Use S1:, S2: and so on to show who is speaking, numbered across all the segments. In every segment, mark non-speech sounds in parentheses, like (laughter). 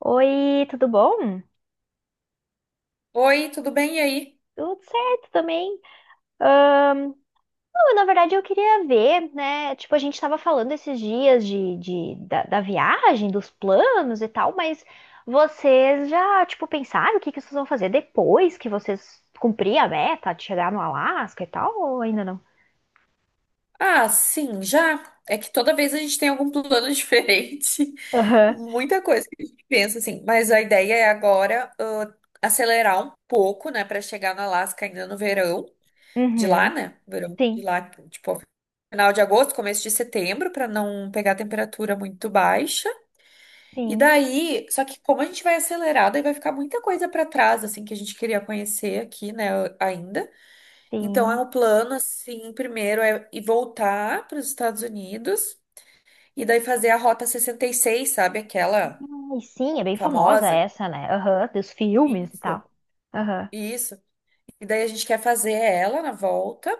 S1: Oi, tudo bom?
S2: Oi, tudo bem? E aí?
S1: Tudo certo também. Não, na verdade eu queria ver, né? Tipo, a gente tava falando esses dias da viagem, dos planos e tal, mas vocês já, tipo, pensaram o que que vocês vão fazer depois que vocês cumprir a meta de chegar no Alasca e tal, ou ainda não?
S2: Ah, sim, já. É que toda vez a gente tem algum plano (laughs) diferente.
S1: Aham.
S2: Muita coisa que a gente pensa, assim. Mas a ideia é agora acelerar um pouco, né, para chegar no Alasca ainda no verão de lá,
S1: Uhum,
S2: né? Verão de
S1: sim,
S2: lá, tipo, final de agosto, começo de setembro, para não pegar temperatura muito baixa. E
S1: sim,
S2: daí, só que como a gente vai acelerar, daí vai ficar muita coisa para trás, assim, que a gente queria conhecer aqui, né, ainda. Então, é
S1: sim.
S2: um plano, assim, primeiro é ir voltar para os Estados Unidos e daí fazer a Rota 66, sabe? Aquela
S1: Ai, sim, é bem famosa
S2: famosa.
S1: essa, né? Aham, dos filmes e
S2: Isso.
S1: tal. Aham.
S2: Isso. E daí a gente quer fazer ela na volta.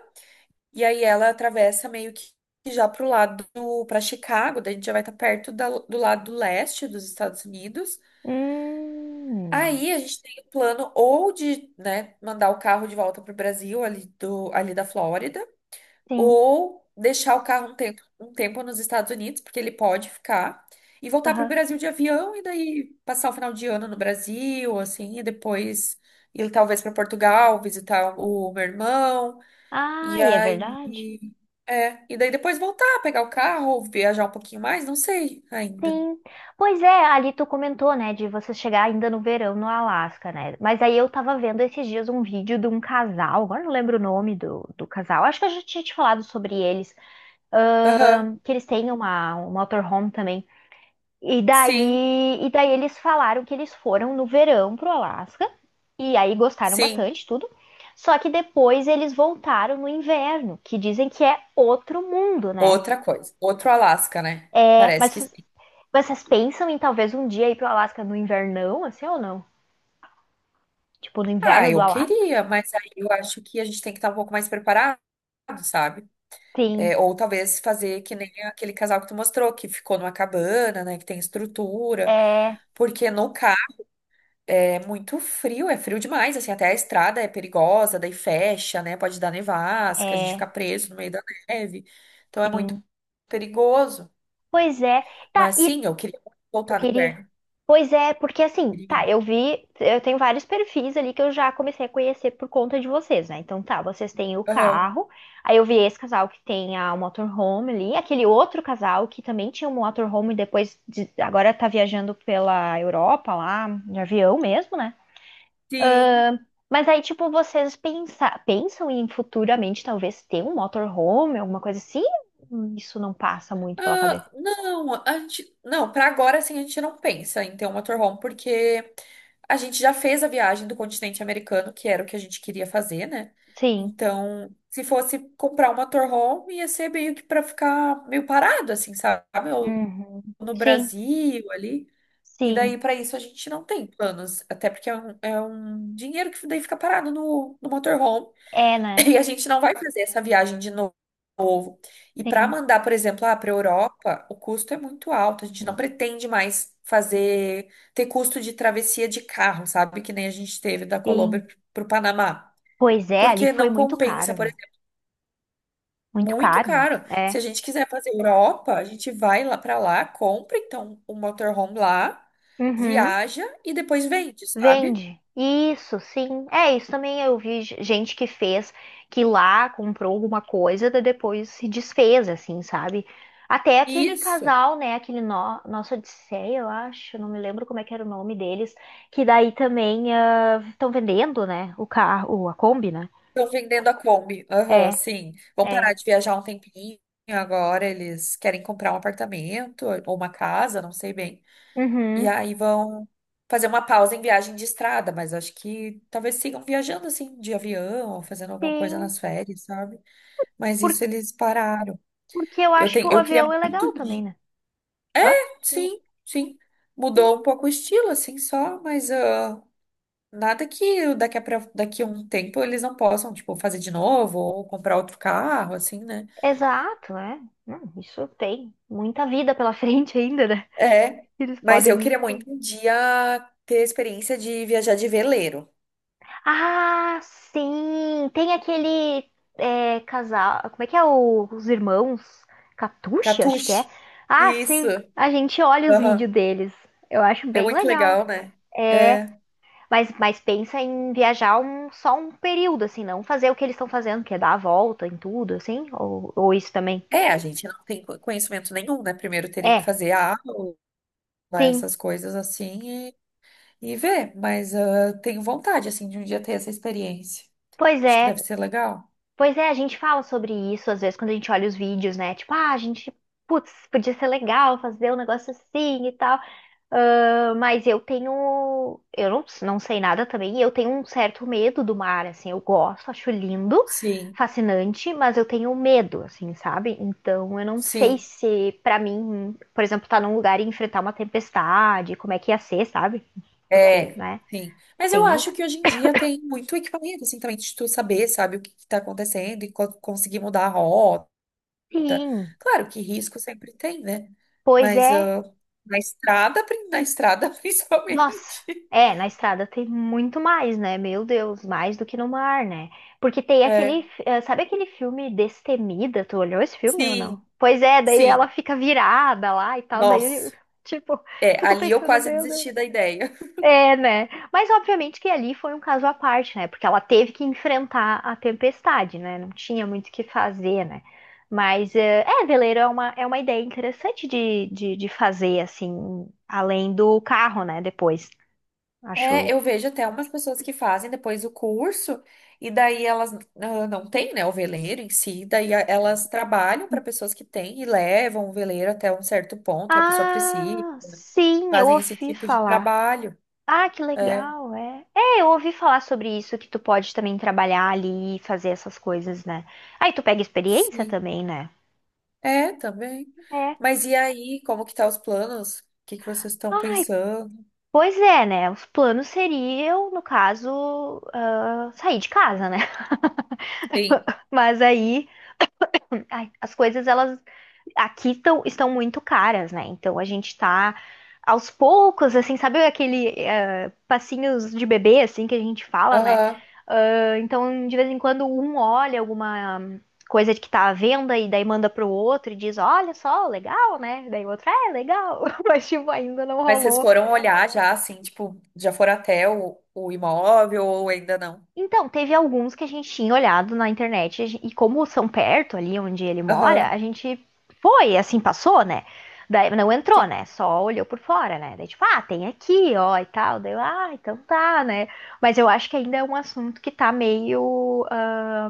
S2: E aí ela atravessa meio que já pro lado para Chicago. Daí a gente já vai estar perto do lado leste dos Estados Unidos.
S1: Hum,
S2: Aí a gente tem o plano ou de, né, mandar o carro de volta pro Brasil, ali, ali da Flórida.
S1: sim.
S2: Ou deixar o carro um tempo, nos Estados Unidos, porque ele pode ficar, e voltar para o Brasil de avião e daí passar o final de ano no Brasil, assim, e depois ir talvez para Portugal, visitar o meu irmão,
S1: Ah,
S2: e
S1: é
S2: aí.
S1: verdade?
S2: É, e daí depois voltar, pegar o carro, ou viajar um pouquinho mais, não sei ainda.
S1: Sim. Pois é, ali tu comentou, né, de você chegar ainda no verão no Alasca, né? Mas aí eu tava vendo esses dias um vídeo de um casal, agora não lembro o nome do, do casal, acho que eu já tinha te falado sobre eles,
S2: Aham.
S1: que eles têm uma, um motorhome também. E
S2: Sim,
S1: daí, e daí eles falaram que eles foram no verão pro Alasca, e aí gostaram
S2: sim.
S1: bastante, tudo. Só que depois eles voltaram no inverno, que dizem que é outro mundo, né?
S2: Outra coisa, outro Alasca, né?
S1: É,
S2: Parece que
S1: mas
S2: sim.
S1: vocês pensam em talvez um dia ir pro Alasca no invernão, assim ou não? Tipo, no
S2: Ah,
S1: inverno do
S2: eu
S1: Alasca?
S2: queria, mas aí eu acho que a gente tem que estar um pouco mais preparado, sabe?
S1: Sim,
S2: É, ou talvez fazer que nem aquele casal que tu mostrou, que ficou numa cabana, né? Que tem estrutura.
S1: é,
S2: Porque no carro é muito frio, é frio demais, assim, até a estrada é perigosa, daí fecha, né? Pode dar nevasca, a gente fica
S1: é,
S2: preso no meio da neve. Então é muito
S1: sim.
S2: perigoso.
S1: Pois é. Tá,
S2: Mas
S1: e
S2: sim, eu queria
S1: eu
S2: voltar no
S1: queria.
S2: inverno.
S1: Pois é, porque assim,
S2: Queria.
S1: tá, eu vi, eu tenho vários perfis ali que eu já comecei a conhecer por conta de vocês, né? Então tá, vocês têm o
S2: Aham.
S1: carro, aí eu vi esse casal que tem a motorhome ali, aquele outro casal que também tinha um motorhome e agora tá viajando pela Europa lá, de avião mesmo, né?
S2: Sim.
S1: Mas aí, tipo, pensam em futuramente talvez ter um motorhome, alguma coisa assim? Isso não passa muito pela cabeça.
S2: Ah, não, a gente, não, para agora assim a gente não pensa em ter um motorhome porque a gente já fez a viagem do continente americano, que era o que a gente queria fazer, né?
S1: Sim.
S2: Então, se fosse comprar um motorhome, ia ser meio que para ficar meio parado assim, sabe? Ou
S1: Uhum.
S2: no
S1: Sim,
S2: Brasil ali. E daí
S1: sim.
S2: para isso a gente não tem planos, até porque é um dinheiro que daí fica parado no, no motorhome.
S1: É,
S2: (laughs)
S1: né?
S2: E a gente não vai fazer essa viagem de novo. E para
S1: Sim,
S2: mandar, por exemplo, para a Europa, o custo é muito alto. A gente não pretende mais fazer, ter custo de travessia de carro, sabe? Que nem a gente teve da Colômbia
S1: sim.
S2: para o Panamá.
S1: Pois é, ali
S2: Porque
S1: foi
S2: não
S1: muito
S2: compensa,
S1: caro,
S2: por
S1: né?
S2: exemplo,
S1: Muito
S2: muito
S1: caro, né?
S2: caro. Se a
S1: É.
S2: gente quiser fazer Europa, a gente vai lá para lá, compra então um motorhome lá,
S1: Uhum.
S2: viaja e depois vende, sabe?
S1: Vende. Isso, sim. É, isso também eu vi gente que fez, que lá comprou alguma coisa, daí depois se desfez, assim, sabe? Até aquele
S2: Isso.
S1: casal, né? Aquele no Nossa Odisseia, eu acho, não me lembro como é que era o nome deles, que daí também estão vendendo, né? O carro, a Kombi, né?
S2: Estão vendendo a Kombi. Aham,
S1: É,
S2: sim. Vão
S1: é.
S2: parar de viajar um tempinho. Agora eles querem comprar um apartamento ou uma casa, não sei bem. E
S1: Uhum.
S2: aí vão fazer uma pausa em viagem de estrada, mas acho que talvez sigam viajando assim, de avião, ou fazendo alguma coisa
S1: Sim.
S2: nas férias, sabe? Mas
S1: Por...
S2: isso eles pararam.
S1: Porque eu
S2: Eu
S1: acho que
S2: tenho,
S1: o
S2: eu queria
S1: avião é
S2: muito.
S1: legal também, né? Hã?
S2: Sim, sim.
S1: Sim,
S2: Mudou um pouco o estilo, assim, só, mas. Nada que daqui a, daqui a um tempo eles não possam, tipo, fazer de novo ou comprar outro carro, assim, né?
S1: exato, é. Isso tem muita vida pela (laughs) frente ainda, né?
S2: É,
S1: Eles
S2: mas eu
S1: podem
S2: queria
S1: ir.
S2: muito um dia ter a experiência de viajar de veleiro.
S1: Ah, sim! Tem aquele é, casal. Como é que é os irmãos? Catuxa, acho que é.
S2: Catuche.
S1: Ah, sim!
S2: Isso.
S1: A gente olha os
S2: Aham.
S1: vídeos deles. Eu acho
S2: É
S1: bem
S2: muito
S1: legal.
S2: legal, né? É.
S1: Mas pensa em viajar um, só um período, assim, não fazer o que eles estão fazendo, que é dar a volta em tudo, assim? Ou isso também?
S2: É, a gente não tem conhecimento nenhum, né? Primeiro teria que
S1: É,
S2: fazer a aula,
S1: sim.
S2: essas coisas assim e ver. Mas tenho vontade, assim, de um dia ter essa experiência.
S1: Pois
S2: Acho que deve
S1: é.
S2: ser legal.
S1: Pois é, a gente fala sobre isso às vezes quando a gente olha os vídeos, né? Tipo, ah, a gente, putz, podia ser legal fazer um negócio assim e tal. Ah, mas eu tenho. Eu não, não sei nada também. E eu tenho um certo medo do mar, assim. Eu gosto, acho lindo,
S2: Sim,
S1: fascinante, mas eu tenho medo, assim, sabe? Então eu não sei
S2: sim.
S1: se, pra mim, por exemplo, estar num lugar e enfrentar uma tempestade, como é que ia ser, sabe? Porque,
S2: É,
S1: né?
S2: sim. Mas eu
S1: Tem isso.
S2: acho que hoje em dia tem muito equipamento, assim, também de tu saber, sabe, o que que tá acontecendo e conseguir mudar a rota.
S1: Sim,
S2: Claro que risco sempre tem, né?
S1: pois
S2: Mas
S1: é.
S2: na estrada, na estrada (laughs)
S1: Nossa,
S2: principalmente.
S1: é, na estrada tem muito mais, né? Meu Deus, mais do que no mar, né? Porque tem
S2: É,
S1: aquele, sabe aquele filme Destemida? Tu olhou esse filme ou não?
S2: sim,
S1: Pois é, daí ela
S2: sim.
S1: fica virada lá e tal, daí, (laughs) eu,
S2: Nossa,
S1: tipo,
S2: é,
S1: fico
S2: ali eu
S1: pensando,
S2: quase
S1: meu Deus.
S2: desisti da ideia.
S1: É, né? Mas obviamente que ali foi um caso à parte, né? Porque ela teve que enfrentar a tempestade, né? Não tinha muito o que fazer, né? Mas é, veleiro é uma ideia interessante de fazer, assim, além do carro, né? Depois.
S2: É,
S1: Acho.
S2: eu vejo até umas pessoas que fazem depois o curso e daí elas não têm, né, o veleiro em si, daí elas trabalham para pessoas que têm e levam o veleiro até um certo ponto que a pessoa precisa,
S1: Ah, sim, eu
S2: fazem esse
S1: ouvi
S2: tipo de
S1: falar.
S2: trabalho.
S1: Ah, que
S2: É,
S1: legal, é. É, eu ouvi falar sobre isso, que tu pode também trabalhar ali e fazer essas coisas, né? Aí tu pega experiência
S2: sim.
S1: também, né?
S2: É, também.
S1: É.
S2: Mas e aí, como que tá os planos? O que que vocês estão
S1: Ai,
S2: pensando?
S1: pois é, né? Os planos seriam, no caso, ah, sair de casa, né?
S2: Sim.
S1: (laughs) Mas aí, ai, as coisas elas aqui estão, estão muito caras, né? Então a gente tá aos poucos, assim, sabe aquele passinhos de bebê, assim, que a gente fala, né?
S2: Aham.
S1: Ah, então, de vez em quando, um olha alguma coisa de que tá à venda e daí manda pro outro e diz, olha só, legal, né? Daí o outro, "Ah, é, legal." (laughs) Mas, tipo, ainda não
S2: Mas vocês
S1: rolou.
S2: foram olhar já, assim, tipo, já foram até o imóvel ou ainda não?
S1: Então, teve alguns que a gente tinha olhado na internet, e como são perto ali onde ele mora, a
S2: Aham.
S1: gente foi, assim, passou, né? Daí não entrou,
S2: Sim,
S1: né? Só olhou por fora, né? Daí, tipo, ah, tem aqui, ó, e tal. Daí, eu, ah, então tá, né? Mas eu acho que ainda é um assunto que tá meio,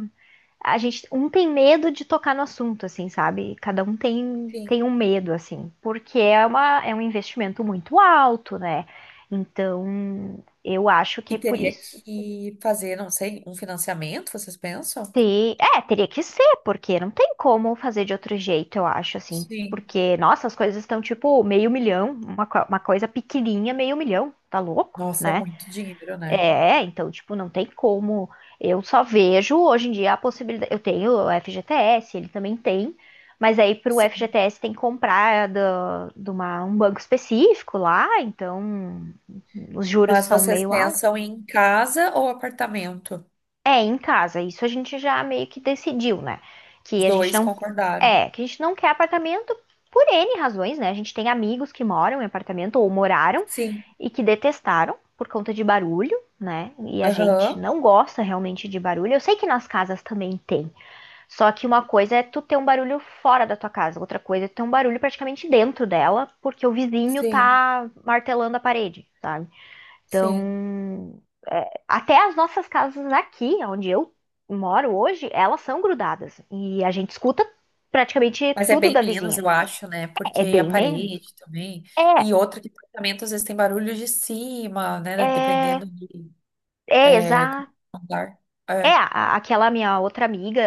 S1: a gente, um tem medo de tocar no assunto, assim, sabe? Cada um tem,
S2: sim.
S1: tem um medo, assim, porque é uma, é um investimento muito alto, né? Então, eu acho que
S2: E
S1: é por
S2: teria
S1: isso.
S2: que fazer, não sei, um financiamento, vocês pensam?
S1: Sim, é, teria que ser, porque não tem como fazer de outro jeito, eu acho, assim.
S2: Sim.
S1: Porque, nossa, as coisas estão tipo meio milhão, uma, uma coisa pequenininha, meio milhão, tá louco,
S2: Nossa, é
S1: né?
S2: muito dinheiro, né?
S1: É, então, tipo, não tem como. Eu só vejo hoje em dia a possibilidade. Eu tenho o FGTS, ele também tem, mas aí pro
S2: Sim.
S1: FGTS tem que comprar um banco específico lá, então os juros
S2: Mas
S1: são
S2: vocês
S1: meio altos.
S2: pensam em casa ou apartamento?
S1: É, em casa. Isso a gente já meio que decidiu, né?
S2: Os
S1: Que a gente
S2: dois
S1: não.
S2: concordaram.
S1: É, que a gente não quer apartamento por N razões, né? A gente tem amigos que moram em apartamento ou moraram
S2: Sim.
S1: e que detestaram por conta de barulho, né? E a gente
S2: Aham.
S1: não gosta realmente de barulho. Eu sei que nas casas também tem, só que uma coisa é tu ter um barulho fora da tua casa, outra coisa é tu ter um barulho praticamente dentro dela, porque o vizinho
S2: Sim.
S1: tá martelando a parede, tá?
S2: Sim.
S1: Então, é, até as nossas casas aqui, onde eu moro hoje, elas são grudadas. E a gente escuta praticamente
S2: Mas é
S1: tudo
S2: bem
S1: da
S2: menos,
S1: vizinha.
S2: eu acho, né?
S1: É
S2: Porque a
S1: bem menos.
S2: parede também.
S1: É,
S2: E outro que apartamento às vezes tem barulho de cima, né? Dependendo
S1: é,
S2: de
S1: é
S2: é, como
S1: exato.
S2: é o andar.
S1: É,
S2: É.
S1: aquela minha outra amiga,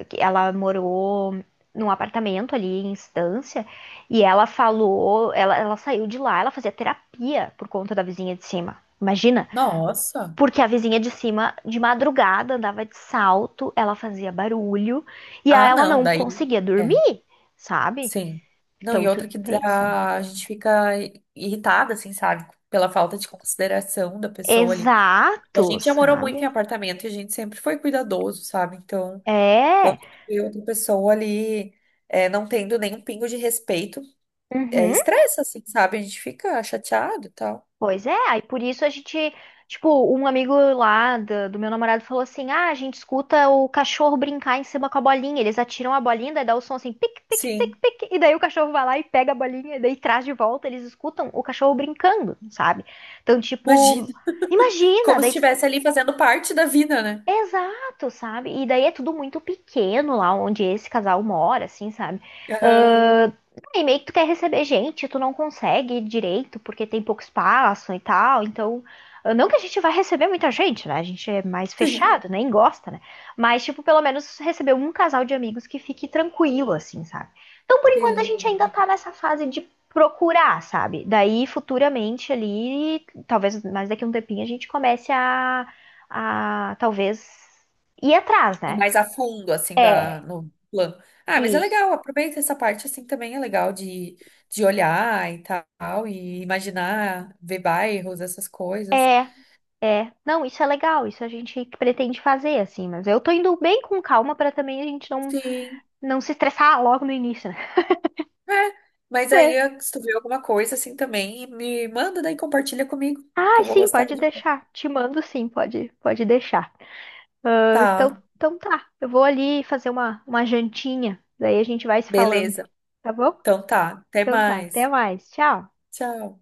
S1: ah, que ela morou num apartamento ali em Estância, e ela falou, ela saiu de lá, ela fazia terapia por conta da vizinha de cima. Imagina.
S2: Nossa!
S1: Porque a vizinha de cima, de madrugada, andava de salto, ela fazia barulho e aí
S2: Ah,
S1: ela
S2: não,
S1: não
S2: daí.
S1: conseguia
S2: É.
S1: dormir, sabe?
S2: Sim. Não, e
S1: Então tu
S2: outra que dá,
S1: pensa, né?
S2: a gente fica irritada, assim, sabe? Pela falta de consideração da pessoa ali. E a
S1: Exato,
S2: gente já morou muito em
S1: sabe?
S2: apartamento e a gente sempre foi cuidadoso, sabe? Então,
S1: É.
S2: quando tu vê outra pessoa ali é, não tendo nenhum pingo de respeito, é,
S1: Uhum.
S2: estressa, assim, sabe? A gente fica chateado e tal.
S1: Pois é, aí por isso a gente, tipo, um amigo lá do, do meu namorado falou assim: ah, a gente escuta o cachorro brincar em cima com a bolinha. Eles atiram a bolinha, daí dá o som assim, pique, pique, pique,
S2: Sim,
S1: pique. E daí o cachorro vai lá e pega a bolinha, e daí traz de volta. Eles escutam o cachorro brincando, sabe? Então, tipo,
S2: imagina.
S1: imagina,
S2: Como se
S1: daí
S2: estivesse ali fazendo parte da vida, né?
S1: exato, sabe? E daí é tudo muito pequeno lá onde esse casal mora, assim, sabe? Sim.
S2: Aham.
S1: Ahn, e meio que tu quer receber gente, tu não consegue direito porque tem pouco espaço e tal. Então, ah, não que a gente vai receber muita gente, né? A gente é mais
S2: Sim,
S1: fechado, nem gosta, né? Mas, tipo, pelo menos receber um casal de amigos que fique tranquilo, assim, sabe? Então, por enquanto, a
S2: sim.
S1: gente ainda tá nessa fase de procurar, sabe? Daí, futuramente ali, talvez mais daqui a um tempinho, a gente comece a talvez ir atrás,
S2: E
S1: né?
S2: mais a fundo, assim, da, no plano. Ah, mas é
S1: Isso.
S2: legal, aproveita essa parte, assim, também é legal de olhar e tal, e imaginar, ver bairros, essas coisas.
S1: É, não, isso é legal, isso a gente pretende fazer, assim, mas eu tô indo bem com calma pra também a gente não,
S2: Sim,
S1: não se estressar logo no início, né?
S2: é. Mas
S1: É.
S2: aí, se tu vê alguma coisa, assim, também, me manda daí, compartilha comigo, que
S1: Ah,
S2: eu vou
S1: sim,
S2: gostar
S1: pode
S2: de...
S1: deixar. Te mando sim, pode, pode deixar. Ah, então,
S2: Tá,
S1: então tá, eu vou ali fazer uma jantinha, daí a gente vai se falando,
S2: beleza.
S1: tá bom?
S2: Então tá, até
S1: Então tá, até
S2: mais.
S1: mais, tchau.
S2: Tchau.